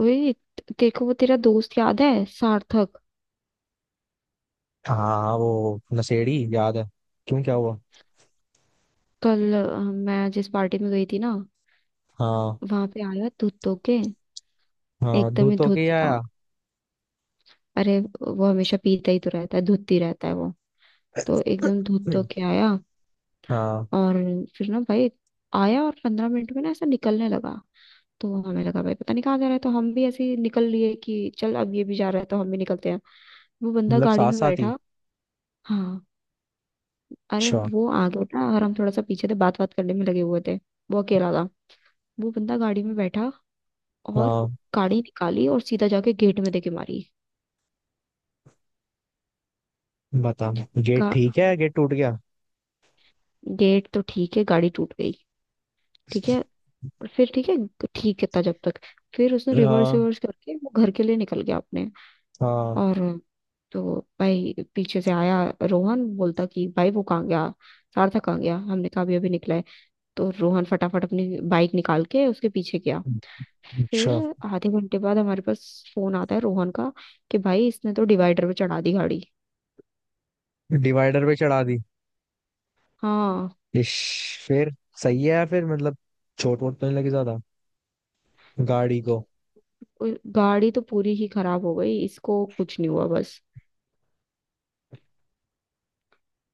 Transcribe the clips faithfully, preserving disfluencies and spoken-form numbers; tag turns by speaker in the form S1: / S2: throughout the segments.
S1: वही। तेरे को वो तेरा दोस्त याद है, सार्थक?
S2: हाँ, वो नशेड़ी याद है। क्यों, क्या हुआ?
S1: कल अ, मैं जिस पार्टी में गई थी ना,
S2: हाँ।
S1: वहां पे आया धुत धो के।
S2: हाँ,
S1: एकदम ही
S2: धूत होके ही
S1: धुत था।
S2: आया।
S1: अरे वो हमेशा पीता ही तो रहता है, धुत ही रहता है वो। तो एकदम धुत धो के आया।
S2: हाँ।
S1: और फिर ना भाई, आया और पंद्रह मिनट में ना ऐसा निकलने लगा। तो हमें लगा भाई पता नहीं कहाँ जा रहा है, तो हम भी ऐसे ही निकल लिए कि चल अब ये भी जा रहा है तो हम भी निकलते हैं। वो बंदा
S2: मतलब
S1: गाड़ी
S2: साथ
S1: में
S2: साथ ही?
S1: बैठा। हाँ। अरे
S2: अच्छा।
S1: वो आगे था और हम थोड़ा सा पीछे थे, बात बात करने में लगे हुए थे। वो अकेला था। वो बंदा गाड़ी में बैठा, और
S2: हाँ,
S1: गाड़ी निकाली और सीधा जाके गेट में देके मारी।
S2: बता। गेट
S1: गा,
S2: ठीक है? गेट टूट गया?
S1: गेट तो ठीक है, गाड़ी टूट गई। ठीक है। और फिर ठीक है। ठीक है था जब तक। फिर उसने रिवर्स
S2: हाँ।
S1: रिवर्स करके वो घर के लिए निकल गया अपने।
S2: हाँ।
S1: और तो भाई पीछे से आया। रोहन बोलता कि भाई वो कहाँ गया, सार्थक कहाँ गया? हमने कहा अभी अभी निकला है। तो रोहन फटाफट अपनी बाइक निकाल के उसके पीछे गया। फिर
S2: अच्छा।
S1: आधे घंटे बाद हमारे पास फोन आता है रोहन का कि भाई इसने तो डिवाइडर पे चढ़ा दी गाड़ी।
S2: डिवाइडर पे चढ़ा दी?
S1: हाँ।
S2: इश, फिर? सही है या फिर मतलब चोट वोट तो नहीं लगी ज्यादा? गाड़ी को?
S1: उ- गाड़ी तो पूरी ही खराब हो गई, इसको कुछ नहीं हुआ बस।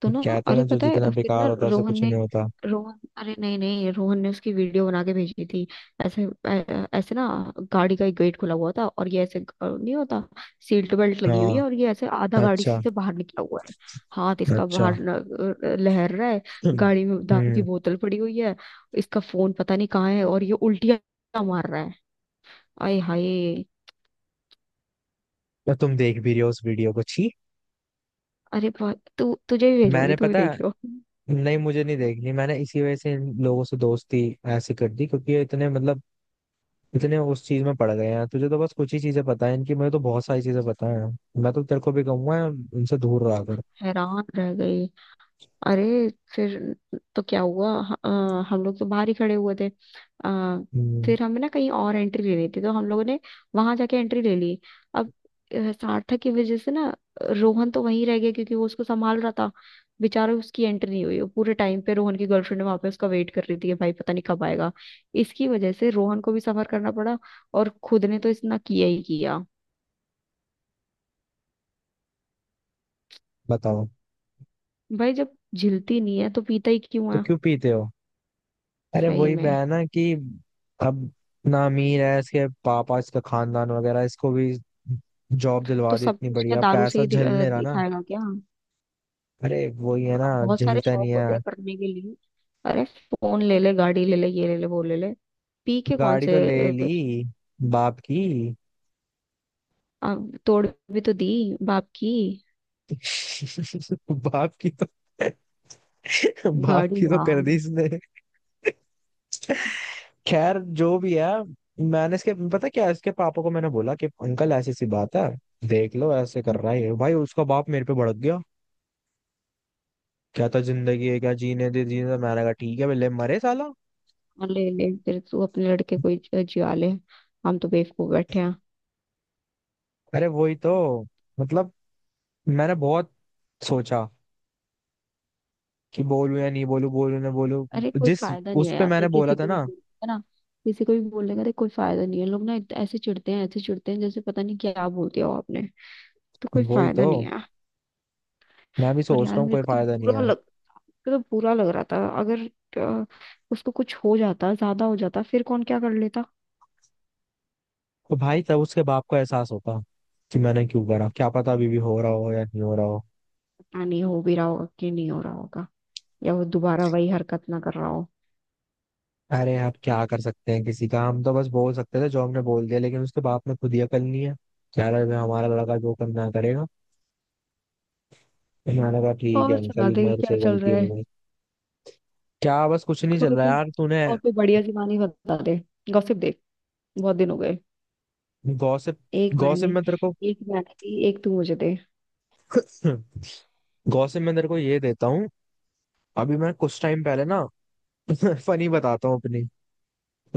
S1: तो ना,
S2: कहते हैं
S1: अरे
S2: ना, जो
S1: पता
S2: जितना
S1: है, फिर ना
S2: बेकार होता है उसे
S1: रोहन
S2: कुछ
S1: ने...
S2: नहीं होता।
S1: रोहन, अरे नहीं, नहीं, रोहन ने उसकी वीडियो बना के भेजी थी। ऐसे ऐ- ऐसे ना। गाड़ी का एक गेट खुला हुआ था, और ये ऐसे ग- नहीं होता। सीट बेल्ट लगी हुई है, और
S2: हाँ।
S1: ये ऐसे आधा गाड़ी
S2: अच्छा।
S1: से बाहर निकला हुआ है। हाथ इसका
S2: अच्छा।
S1: बाहर न- अ, लहर रहा है।
S2: हम्म।
S1: गाड़ी में दारू की बोतल पड़ी हुई है। इसका फोन पता नहीं कहाँ है, और ये उल्टियां मार रहा है। आए हाय।
S2: तो तुम देख भी रहे हो उस वीडियो को? छी।
S1: अरे बा- तू, तुझे भी भेजूंगी,
S2: मैंने
S1: तू भी
S2: पता है।
S1: देखियो।
S2: नहीं, मुझे नहीं देखनी। मैंने इसी वजह से इन लोगों से दोस्ती ऐसी कर दी क्योंकि ये इतने मतलब इतने उस चीज में पड़ गए हैं। तुझे तो बस कुछ ही चीजें पता है इनकी, मुझे तो बहुत सारी चीजें पता है। मैं तो तेरे को भी कहूंगा, इनसे दूर रहा
S1: तो
S2: कर।
S1: हैरान रह गई, अरे। फिर तो क्या हुआ? ह- अ, हम लोग तो बाहर ही खड़े हुए थे। आ,
S2: हम्म,
S1: फिर हमें ना कहीं और एंट्री लेनी थी, तो हम लोगों ने वहां जाके एंट्री ले ली। अब अ, सार्थक की वजह से ना, रोहन तो वहीं रह गया, क्योंकि वो उसको संभाल रहा था। बेचारा, उसकी एंट्री नहीं हुई। वो पूरे टाइम पे रोहन की गर्लफ्रेंड वहां पे उसका वेट कर रही थी कि भाई पता नहीं कब आएगा। इसकी वजह से रोहन को भी सफर करना पड़ा। और खुद ने तो इतना किया ही किया।
S2: बताओ।
S1: भाई, जब झिलती नहीं है तो पीता ही क्यों
S2: तो
S1: है?
S2: क्यों पीते हो? अरे
S1: सही
S2: वही
S1: में।
S2: बहन है कि, अब ना, अमीर है इसके पापा, इसका खानदान वगैरह, इसको भी जॉब
S1: तो
S2: दिलवा दी,
S1: सब
S2: इतनी
S1: कुछ क्या
S2: बढ़िया
S1: दारू से
S2: पैसा
S1: ही दि- अ,
S2: झलने रहा ना।
S1: दिखाएगा क्या?
S2: अरे वही है
S1: अ,
S2: ना,
S1: बहुत सारे
S2: झेलता
S1: शौक
S2: नहीं है।
S1: होते हैं करने के लिए। अरे फोन ले ले, गाड़ी ले ले, ये ले ले, वो ले ले। पी के कौन
S2: गाड़ी
S1: से
S2: तो ले ली
S1: अ,
S2: बाप की।
S1: अ, तोड़ भी तो दी बाप की
S2: बाप की तो बाप
S1: गाड़ी
S2: की तो
S1: यार।
S2: कर दी इसने। खैर जो भी है। मैंने इसके पता क्या, इसके पापा को मैंने बोला कि अंकल ऐसी सी बात है, देख लो ऐसे कर रहा है भाई। उसका बाप मेरे पे भड़क गया, कहता जिंदगी है क्या, जीने दे जीने दे। मैंने कहा ठीक है, ले मरे साला।
S1: हाँ, ले ले फिर तू अपने लड़के को ही ज- जिया ले। हम तो बेवकूफ बैठे हैं।
S2: अरे वही तो, मतलब मैंने बहुत सोचा कि बोलूं या नहीं बोलूं, बोलूं ना बोलूं।
S1: अरे कोई
S2: जिस
S1: फायदा नहीं
S2: उस
S1: है
S2: पे
S1: यार,
S2: मैंने
S1: देख किसी
S2: बोला था
S1: को भी
S2: ना।
S1: बोल- है ना? किसी को भी बोलने का देख कोई फायदा नहीं है। लोग ना इत- ऐसे चिढ़ते हैं, ऐसे चिढ़ते हैं जैसे पता नहीं क्या बोल दिया हो आपने। तो कोई
S2: वही
S1: फायदा
S2: तो,
S1: नहीं है।
S2: मैं भी
S1: और यार
S2: सोचता हूँ
S1: मेरे
S2: कोई
S1: को तो
S2: फायदा नहीं
S1: बुरा
S2: है।
S1: लग तो बुरा लग रहा था, अगर अ, उसको कुछ हो जाता, ज्यादा हो जाता, फिर कौन क्या कर लेता।
S2: तो भाई तब उसके बाप को एहसास होता कि मैंने क्यों करा। क्या पता अभी भी हो रहा हो या नहीं हो रहा हो।
S1: पता नहीं हो भी रहा होगा कि नहीं हो रहा होगा, या वो दोबारा वही हरकत ना कर रहा हो।
S2: अरे आप क्या कर सकते हैं किसी का, हम तो बस बोल सकते थे, जो हमने बोल दिया, लेकिन उसके बाप ने खुद ही अकल नहीं है, कह रहा है हमारा लड़का जो करना करेगा। तो मैंने कहा ठीक है
S1: और सुना
S2: अंकल,
S1: दे,
S2: मेरे
S1: क्या
S2: से
S1: चल
S2: गलती
S1: रहा
S2: हो
S1: है।
S2: गई। क्या बस, कुछ नहीं
S1: और
S2: चल रहा
S1: कोई,
S2: यार तूने।
S1: और कोई बढ़िया सी कहानी बता दे। गॉसिप देख, बहुत दिन हो गए।
S2: गॉसिप।
S1: एक मैंने
S2: गॉसिप में तेरे को
S1: एक मैंने दी, एक तू मुझे दे।
S2: गॉसिप में तेरे को ये देता हूँ। अभी मैं कुछ टाइम पहले ना फनी बताता हूँ अपनी,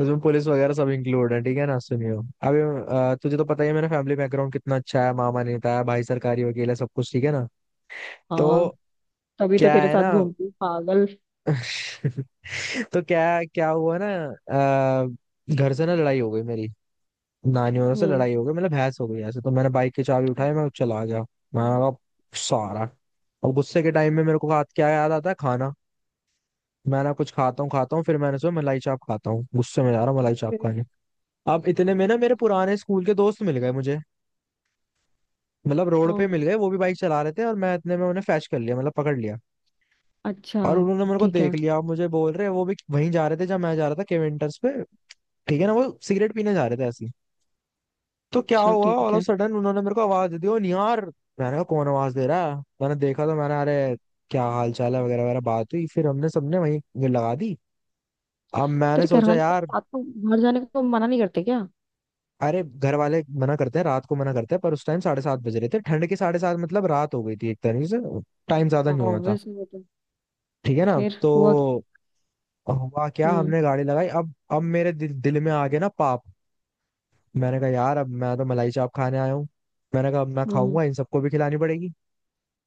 S2: उसमें पुलिस वगैरह सब इंक्लूड है, ठीक है ना, सुनियो। अभी अ, तुझे तो पता ही है मेरा फैमिली बैकग्राउंड कितना अच्छा है, मामा नेता है, भाई सरकारी वकील है, सब कुछ ठीक है ना। तो
S1: हाँ, तभी तो
S2: क्या
S1: तेरे
S2: है
S1: साथ
S2: ना,
S1: घूमती हूँ, पागल।
S2: तो क्या क्या हुआ ना, अ, घर से ना लड़ाई हो गई मेरी, नानियों से
S1: हम्म।
S2: लड़ाई हो गई, मतलब बहस हो गई ऐसे। तो मैंने बाइक की चाबी उठाई, मैं चला गया, मैं कहा सारा। और गुस्से के टाइम में मेरे को हाथ क्या याद आता है, खाना। मैं ना कुछ खाता हूँ खाता हूँ, फिर मैंने सोचा मलाई चाप खाता हूँ, गुस्से में जा रहा हूँ मलाई चाप
S1: फिर?
S2: खाने। अब
S1: हाँ,
S2: इतने में ना मेरे पुराने स्कूल के दोस्त मिल गए मुझे, मतलब रोड पे मिल
S1: कौन?
S2: गए, वो भी बाइक चला रहे थे, और मैं इतने में उन्हें फैच कर लिया, मतलब पकड़ लिया।
S1: अच्छा,
S2: और उन्होंने मेरे को
S1: ठीक है।
S2: देख लिया। अब मुझे बोल रहे, वो भी वहीं जा रहे थे जब मैं जा रहा था केवेंटर्स पे। ठीक है ना, वो सिगरेट पीने जा रहे थे ऐसे ही। तो क्या
S1: अच्छा,
S2: हुआ,
S1: ठीक
S2: ऑल ऑफ
S1: है।
S2: सडन उन्होंने मेरे को आवाज दे दी, ओ निहार। मैंने कहा कौन आवाज दे रहा है, मैंने देखा, तो मैंने अरे क्या हाल चाल है वगैरह वगैरह बात हुई, फिर हमने सबने वहीं लगा दी। अब मैंने
S1: तेरे घर
S2: सोचा
S1: वाले
S2: यार,
S1: आपको बाहर जाने को मना नहीं करते क्या?
S2: अरे घर वाले मना करते हैं, रात को मना करते हैं, पर उस टाइम साढ़े सात बज रहे थे। ठंड के साढ़े सात, मतलब रात हो गई थी एक तरीके से। टाइम ज्यादा नहीं हुआ था,
S1: ऑब्वियस, वो तो।
S2: ठीक है ना।
S1: फिर हुआ क्या?
S2: तो हुआ क्या,
S1: हम्म।
S2: हमने गाड़ी लगाई, अब अब मेरे दिल, दिल में आ गया ना पाप। मैंने कहा यार अब मैं तो मलाई चाप खाने आया हूँ, मैंने कहा अब मैं
S1: हम्म,
S2: खाऊंगा, इन सबको भी खिलानी पड़ेगी।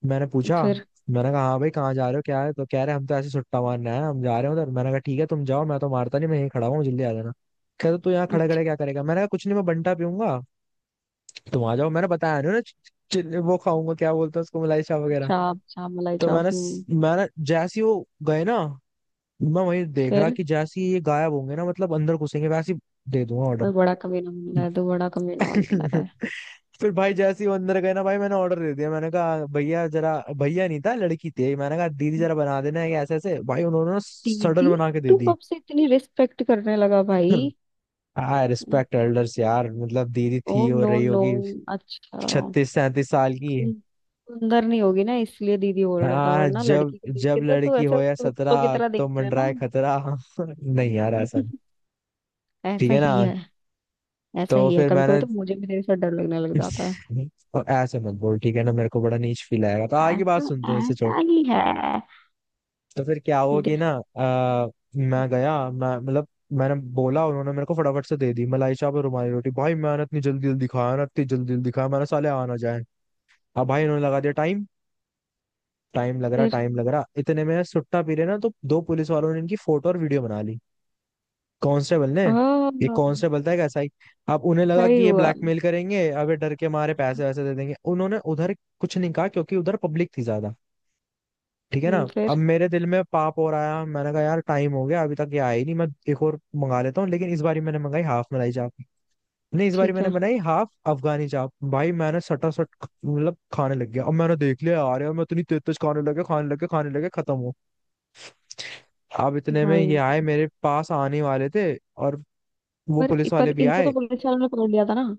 S2: मैंने पूछा,
S1: फिर?
S2: मैंने कहा हाँ भाई कहाँ जा रहे हो, क्या है? तो कह रहे हम तो ऐसे सुट्टा मारने आए हैं, हम जा रहे हैं उधर। मैंने कहा ठीक है तुम जाओ, मैं तो मारता नहीं, मैं यहीं खड़ा हुआ हूँ, जल्दी आ जाना। कहते तू यहाँ खड़े
S1: अच्छा।
S2: खड़े क्या करेगा, मैंने कहा कुछ नहीं, मैं बंटा पीऊंगा, तुम आ जाओ। मैंने बताया नहीं ना च- च- वो खाऊंगा क्या बोलते हैं उसको, मलाई चाप वगैरह।
S1: चाप चाप, मलाई
S2: तो
S1: चाप,
S2: मैंने स-
S1: हम्म।
S2: मैंने जैसे ही वो गए ना, मैं वही देख रहा
S1: फिर।
S2: कि जैसे ही ये गायब होंगे ना, मतलब अंदर घुसेंगे, वैसे ही दे दूंगा
S1: और
S2: ऑर्डर।
S1: बड़ा कमीना बंदा है, तो बड़ा कमीना बंदा है।
S2: फिर भाई जैसे ही वो अंदर गए ना, भाई मैंने ऑर्डर दे दिया। मैंने कहा भैया जरा, भैया नहीं था लड़की थी, मैंने कहा दीदी जरा बना देना है ऐसे ऐसे, भाई उन्होंने ना
S1: दीदी?
S2: सडन बना के दे
S1: तू
S2: दी।
S1: कब से इतनी रिस्पेक्ट करने लगा भाई?
S2: आई रिस्पेक्ट एल्डर्स यार, मतलब दीदी
S1: ओ,
S2: थी, हो
S1: नो
S2: रही
S1: नो।
S2: होगी
S1: अच्छा।
S2: छत्तीस सैंतीस साल की।
S1: सुन- सुंदर नहीं होगी ना, इसलिए दीदी बोल रहा था,
S2: हाँ,
S1: वरना
S2: जब
S1: लड़की को देख के
S2: जब
S1: तो तू
S2: लड़की
S1: ऐसे
S2: हो या
S1: कुत्तों की
S2: सत्रह
S1: तरह
S2: तो
S1: देखता है ना।
S2: मंडराए खतरा। नहीं यार, ऐसा नहीं। ठीक
S1: ऐसा
S2: है ना।
S1: ही है। ऐसा
S2: तो
S1: ही है,
S2: फिर
S1: कभी कभी
S2: मैंने,
S1: तो मुझे भी तेरे साथ डर लगने लग जाता है।
S2: और ऐसे मत बोल, ठीक है ना, मेरे को बड़ा नीच फील आएगा, तो आगे बात
S1: ऐसा
S2: सुन, तो इसे छोड़।
S1: ऐसा ही
S2: तो फिर क्या हुआ
S1: है।
S2: कि ना, आ, मैं गया, मैं मतलब मैंने बोला, उन्होंने मेरे को फटाफट से दे दी मलाई चाप और रुमाली रोटी। भाई मैंने इतनी जल्दी जल्दी खाया ना, इतनी जल्दी जल्दी खाया, मैंने साले आ ना जाए। अब भाई उन्होंने लगा दिया टाइम, टाइम लग रहा,
S1: फिर
S2: टाइम लग रहा, इतने में सुट्टा पी रहे ना, तो दो पुलिस वालों ने इनकी फोटो और वीडियो बना ली। कांस्टेबल ने, ये
S1: हाँ।
S2: कांस्टेबल था, एक एस आई। अब उन्हें लगा
S1: सही
S2: कि ये
S1: हुआ।
S2: ब्लैकमेल करेंगे, अब ये डर के मारे पैसे वैसे दे देंगे, उन्होंने उधर कुछ नहीं कहा क्योंकि उधर पब्लिक थी ज्यादा, ठीक है ना।
S1: हम्म,
S2: अब
S1: फिर
S2: मेरे दिल में पाप और आया, मैंने कहा यार टाइम हो गया अभी तक ये आई नहीं, मैं एक और मंगा लेता हूँ। लेकिन इस बारी मैंने मंगाई हाफ मलाई चाप, नहीं, इस बारी
S1: ठीक
S2: मैंने
S1: है
S2: बनाई हाफ अफगानी चाप। भाई मैंने सटा सट मतलब खाने लग गया। अब मैंने देख लिया आ रहे, मैं इतनी तेज तेज खाने लगे, खाने लगे, खाने लगे, खत्म हो। अब इतने में ये
S1: भाई।
S2: आए, मेरे पास आने वाले थे, और वो
S1: पर
S2: पुलिस वाले
S1: पर
S2: भी
S1: इनको
S2: आए।
S1: तो पुलिस वालों ने पकड़ लिया था ना?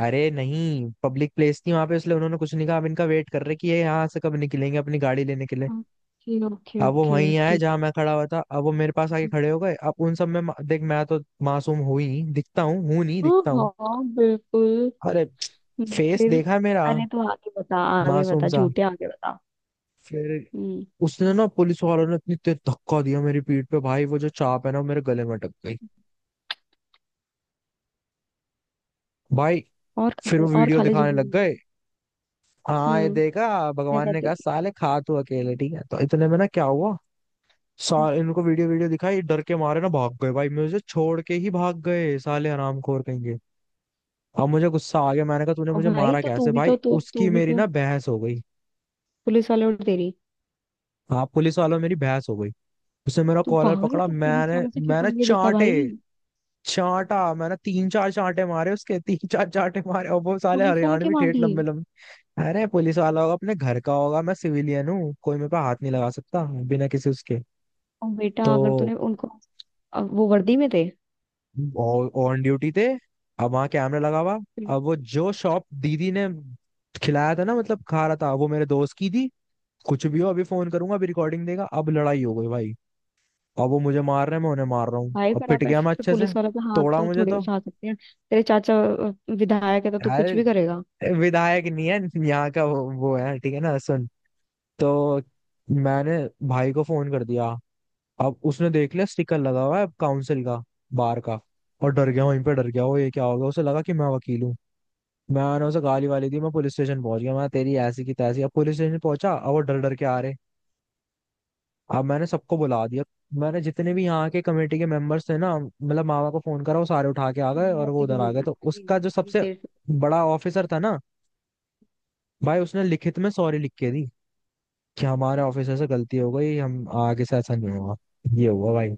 S2: अरे नहीं, पब्लिक प्लेस थी वहां पे, इसलिए उन्होंने कुछ नहीं कहा, अब इनका वेट कर रहे कि ये यहाँ से कब निकलेंगे अपनी गाड़ी लेने के लिए।
S1: ओके ओके
S2: अब वो
S1: ओके।
S2: वहीं आए
S1: ठीक।
S2: जहां मैं खड़ा हुआ था, अब वो मेरे पास आके खड़े हो गए। अब उन सब में मा- देख, मैं तो मासूम हूं ही, दिखता हूँ, हूं नहीं,
S1: हाँ
S2: दिखता हूँ।
S1: हाँ, बिल्कुल।
S2: अरे
S1: हम्म,
S2: फेस
S1: फिर?
S2: देखा है मेरा,
S1: अरे तू आगे बता, आगे
S2: मासूम
S1: बता,
S2: सा।
S1: झूठे, आगे बता।
S2: फिर
S1: हम्म।
S2: उसने ना, पुलिस वालों ने इतनी तेज धक्का दिया मेरी पीठ पे, भाई वो जो चाप है ना, वो मेरे गले में अटक गई। भाई
S1: और खा
S2: फिर
S1: ले,
S2: वो
S1: और
S2: वीडियो
S1: खा ले
S2: दिखाने
S1: जल्दी
S2: लग
S1: जल्दी।
S2: गए। हाँ, ये
S1: हम्म।
S2: देखा,
S1: क्या
S2: भगवान ने
S1: कहते हैं?
S2: कहा साले खा तू अकेले, ठीक है। तो इतने में ना क्या हुआ,
S1: हम्म।
S2: सारे इनको वीडियो वीडियो दिखाई, डर के मारे ना भाग गए भाई, मुझे छोड़ के ही भाग गए, साले हरामखोर कहेंगे। अब मुझे गुस्सा आ गया, मैंने कहा तूने
S1: और
S2: मुझे
S1: भाई
S2: मारा
S1: तो तू
S2: कैसे
S1: भी
S2: भाई,
S1: तो तू तू
S2: उसकी
S1: भी
S2: मेरी
S1: तो
S2: ना बहस हो गई।
S1: पुलिस वाले और तेरी?
S2: हाँ, पुलिस वालों मेरी बहस हो गई। उसने मेरा
S1: तू
S2: कॉलर
S1: पागल है,
S2: पकड़ा,
S1: तू पुलिस
S2: मैंने
S1: वालों से क्यों
S2: मैंने
S1: पंगे लेता
S2: चांटे,
S1: भाई?
S2: चांटा, मैंने तीन चार चांटे मारे उसके, तीन चार चांटे मारे, और वो साले
S1: पुलिस वाले के
S2: हरियाणवी
S1: मार
S2: ठेठ
S1: दिए?
S2: लंबे लंबे। अरे पुलिस वाला होगा अपने घर का होगा, मैं सिविलियन हूँ, कोई मेरे पे हाथ नहीं लगा सकता बिना किसी उसके।
S1: और बेटा अगर
S2: तो
S1: तूने उनको... अ, वो वर्दी में थे।
S2: ऑन ड्यूटी थे, अब वहां कैमरा लगा हुआ, अब वो जो शॉप दीदी ने खिलाया था ना, मतलब खा रहा था, वो मेरे दोस्त की थी। कुछ भी हो, अभी फोन करूंगा, अभी रिकॉर्डिंग देगा, अब लड़ाई हो गई भाई। अब वो मुझे मार रहे हैं, मैं उन्हें मार रहा हूँ,
S1: भाई
S2: अब
S1: पर
S2: पिट
S1: आप
S2: गया
S1: ऐसे
S2: मैं
S1: तो
S2: अच्छे से।
S1: पुलिस वालों पे हाथ
S2: तोड़ा
S1: तो
S2: मुझे
S1: थोड़ी
S2: तो।
S1: उठा सकते हैं। तेरे चाचा अ, विधायक है, तो तू कुछ भी
S2: यार
S1: करेगा।
S2: विधायक नहीं है, यहाँ का वो, वो है, ठीक है ना, सुन। तो मैंने भाई को फोन कर दिया। अब उसने देख लिया स्टिकर लगा हुआ है काउंसिल का, बार का, और डर गया, वहीं पे डर गया वो, ये क्या हो गया, उसे लगा कि मैं वकील हूँ। मैंने उसे गाली वाली दी, मैं पुलिस स्टेशन पहुंच गया, मैं तेरी ऐसी की तैसी, अब पुलिस स्टेशन पहुंचा, अब वो डर डर के आ रहे। अब मैंने सबको बुला दिया, मैंने जितने भी यहाँ के कमेटी के मेंबर्स थे ना, मतलब मामा को फोन करा, वो सारे उठा के आ गए, और
S1: बहुत
S2: वो
S1: ही
S2: उधर
S1: कम है
S2: आ गए, तो
S1: भाई,
S2: उसका जो
S1: भाई,
S2: सबसे
S1: तेरे से।
S2: बड़ा ऑफिसर था ना, भाई उसने लिखित में सॉरी लिख के दी कि हमारे ऑफिसर से गलती हो गई, हम आगे से ऐसा नहीं होगा। ये हुआ भाई।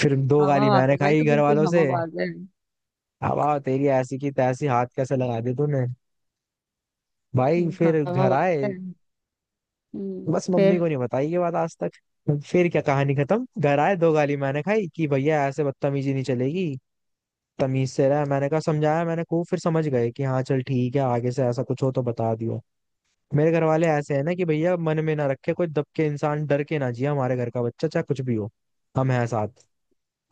S2: फिर दो गाली
S1: हवाबाज
S2: मैंने
S1: है भाई,
S2: खाई
S1: तो
S2: घर
S1: बिल्कुल
S2: वालों से,
S1: हवाबाज है।
S2: अब आओ तेरी ऐसी की तैसी, हाथ कैसे लगा दी तूने। भाई
S1: हम्म,
S2: फिर घर
S1: हवाबाज है।
S2: आए,
S1: हम्म,
S2: बस
S1: फिर?
S2: मम्मी को नहीं बताई ये बात आज तक। फिर क्या, कहानी खत्म, घर आए, दो गाली मैंने खाई, कि भैया ऐसे बदतमीजी नहीं चलेगी, तमीज से रहा। मैंने कहा समझाया मैंने खूब, फिर समझ गए कि हाँ चल ठीक है आगे से ऐसा कुछ हो तो बता दियो। मेरे घर वाले ऐसे हैं ना, कि भैया मन में ना रखे कोई, दब के इंसान डर के ना जिए, हमारे घर का बच्चा चाहे कुछ भी हो, हम हैं साथ।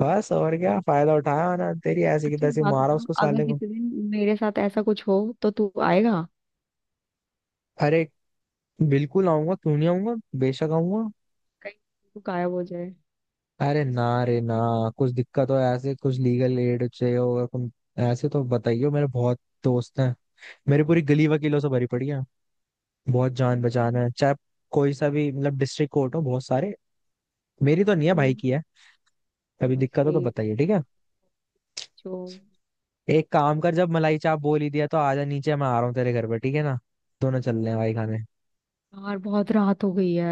S2: बस, और क्या फायदा उठाया ना, तेरी ऐसी की
S1: अच्छा एक
S2: तैसी
S1: बात
S2: मारा
S1: बता,
S2: उसको
S1: अगर
S2: साले को।
S1: किसी दिन मेरे साथ ऐसा कुछ हो तो तू आएगा?
S2: अरे बिल्कुल आऊंगा, क्यों नहीं आऊंगा, बेशक आऊंगा।
S1: कहीं तू गायब हो जाए।
S2: अरे ना रे ना, कुछ दिक्कत हो, ऐसे कुछ लीगल एड चाहिए होगा तुम, ऐसे तो बताइयो, मेरे बहुत दोस्त हैं, मेरी पूरी गली वकीलों से भरी पड़ी है, बहुत जान पहचान है, चाहे कोई सा भी मतलब डिस्ट्रिक्ट कोर्ट हो, बहुत सारे, मेरी तो नहीं है, भाई
S1: हम्म,
S2: की है। कभी
S1: समझ
S2: दिक्कत हो तो
S1: गई
S2: बताइए, ठीक है।
S1: जो।
S2: एक काम कर, जब मलाई चाप बोल ही दिया तो आजा नीचे, मैं आ रहा हूँ तेरे घर पे, ठीक है ना, दोनों चल रहे हैं भाई खाने।
S1: यार बहुत रात हो गई है।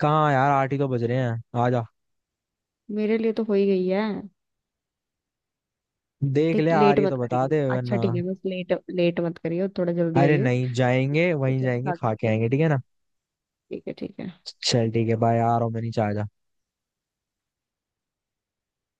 S2: कहाँ यार, आठ ही तो बज रहे हैं, आजा।
S1: मेरे लिए तो हो ही गई है।
S2: देख ले,
S1: देख,
S2: आ
S1: लेट
S2: रही है
S1: मत
S2: तो बता
S1: करियो,
S2: दे
S1: अच्छा
S2: वरना।
S1: ठीक है, बस लेट लेट मत करियो, थोड़ा जल्दी
S2: अरे
S1: आइयो।
S2: नहीं, जाएंगे वहीं
S1: ठीक है
S2: जाएंगे,
S1: हाँ,
S2: खा के आएंगे, ठीक है ना।
S1: ठीक है ठीक है।
S2: चल ठीक है बाय, आ रहा हूँ मैं नीचे, आजा।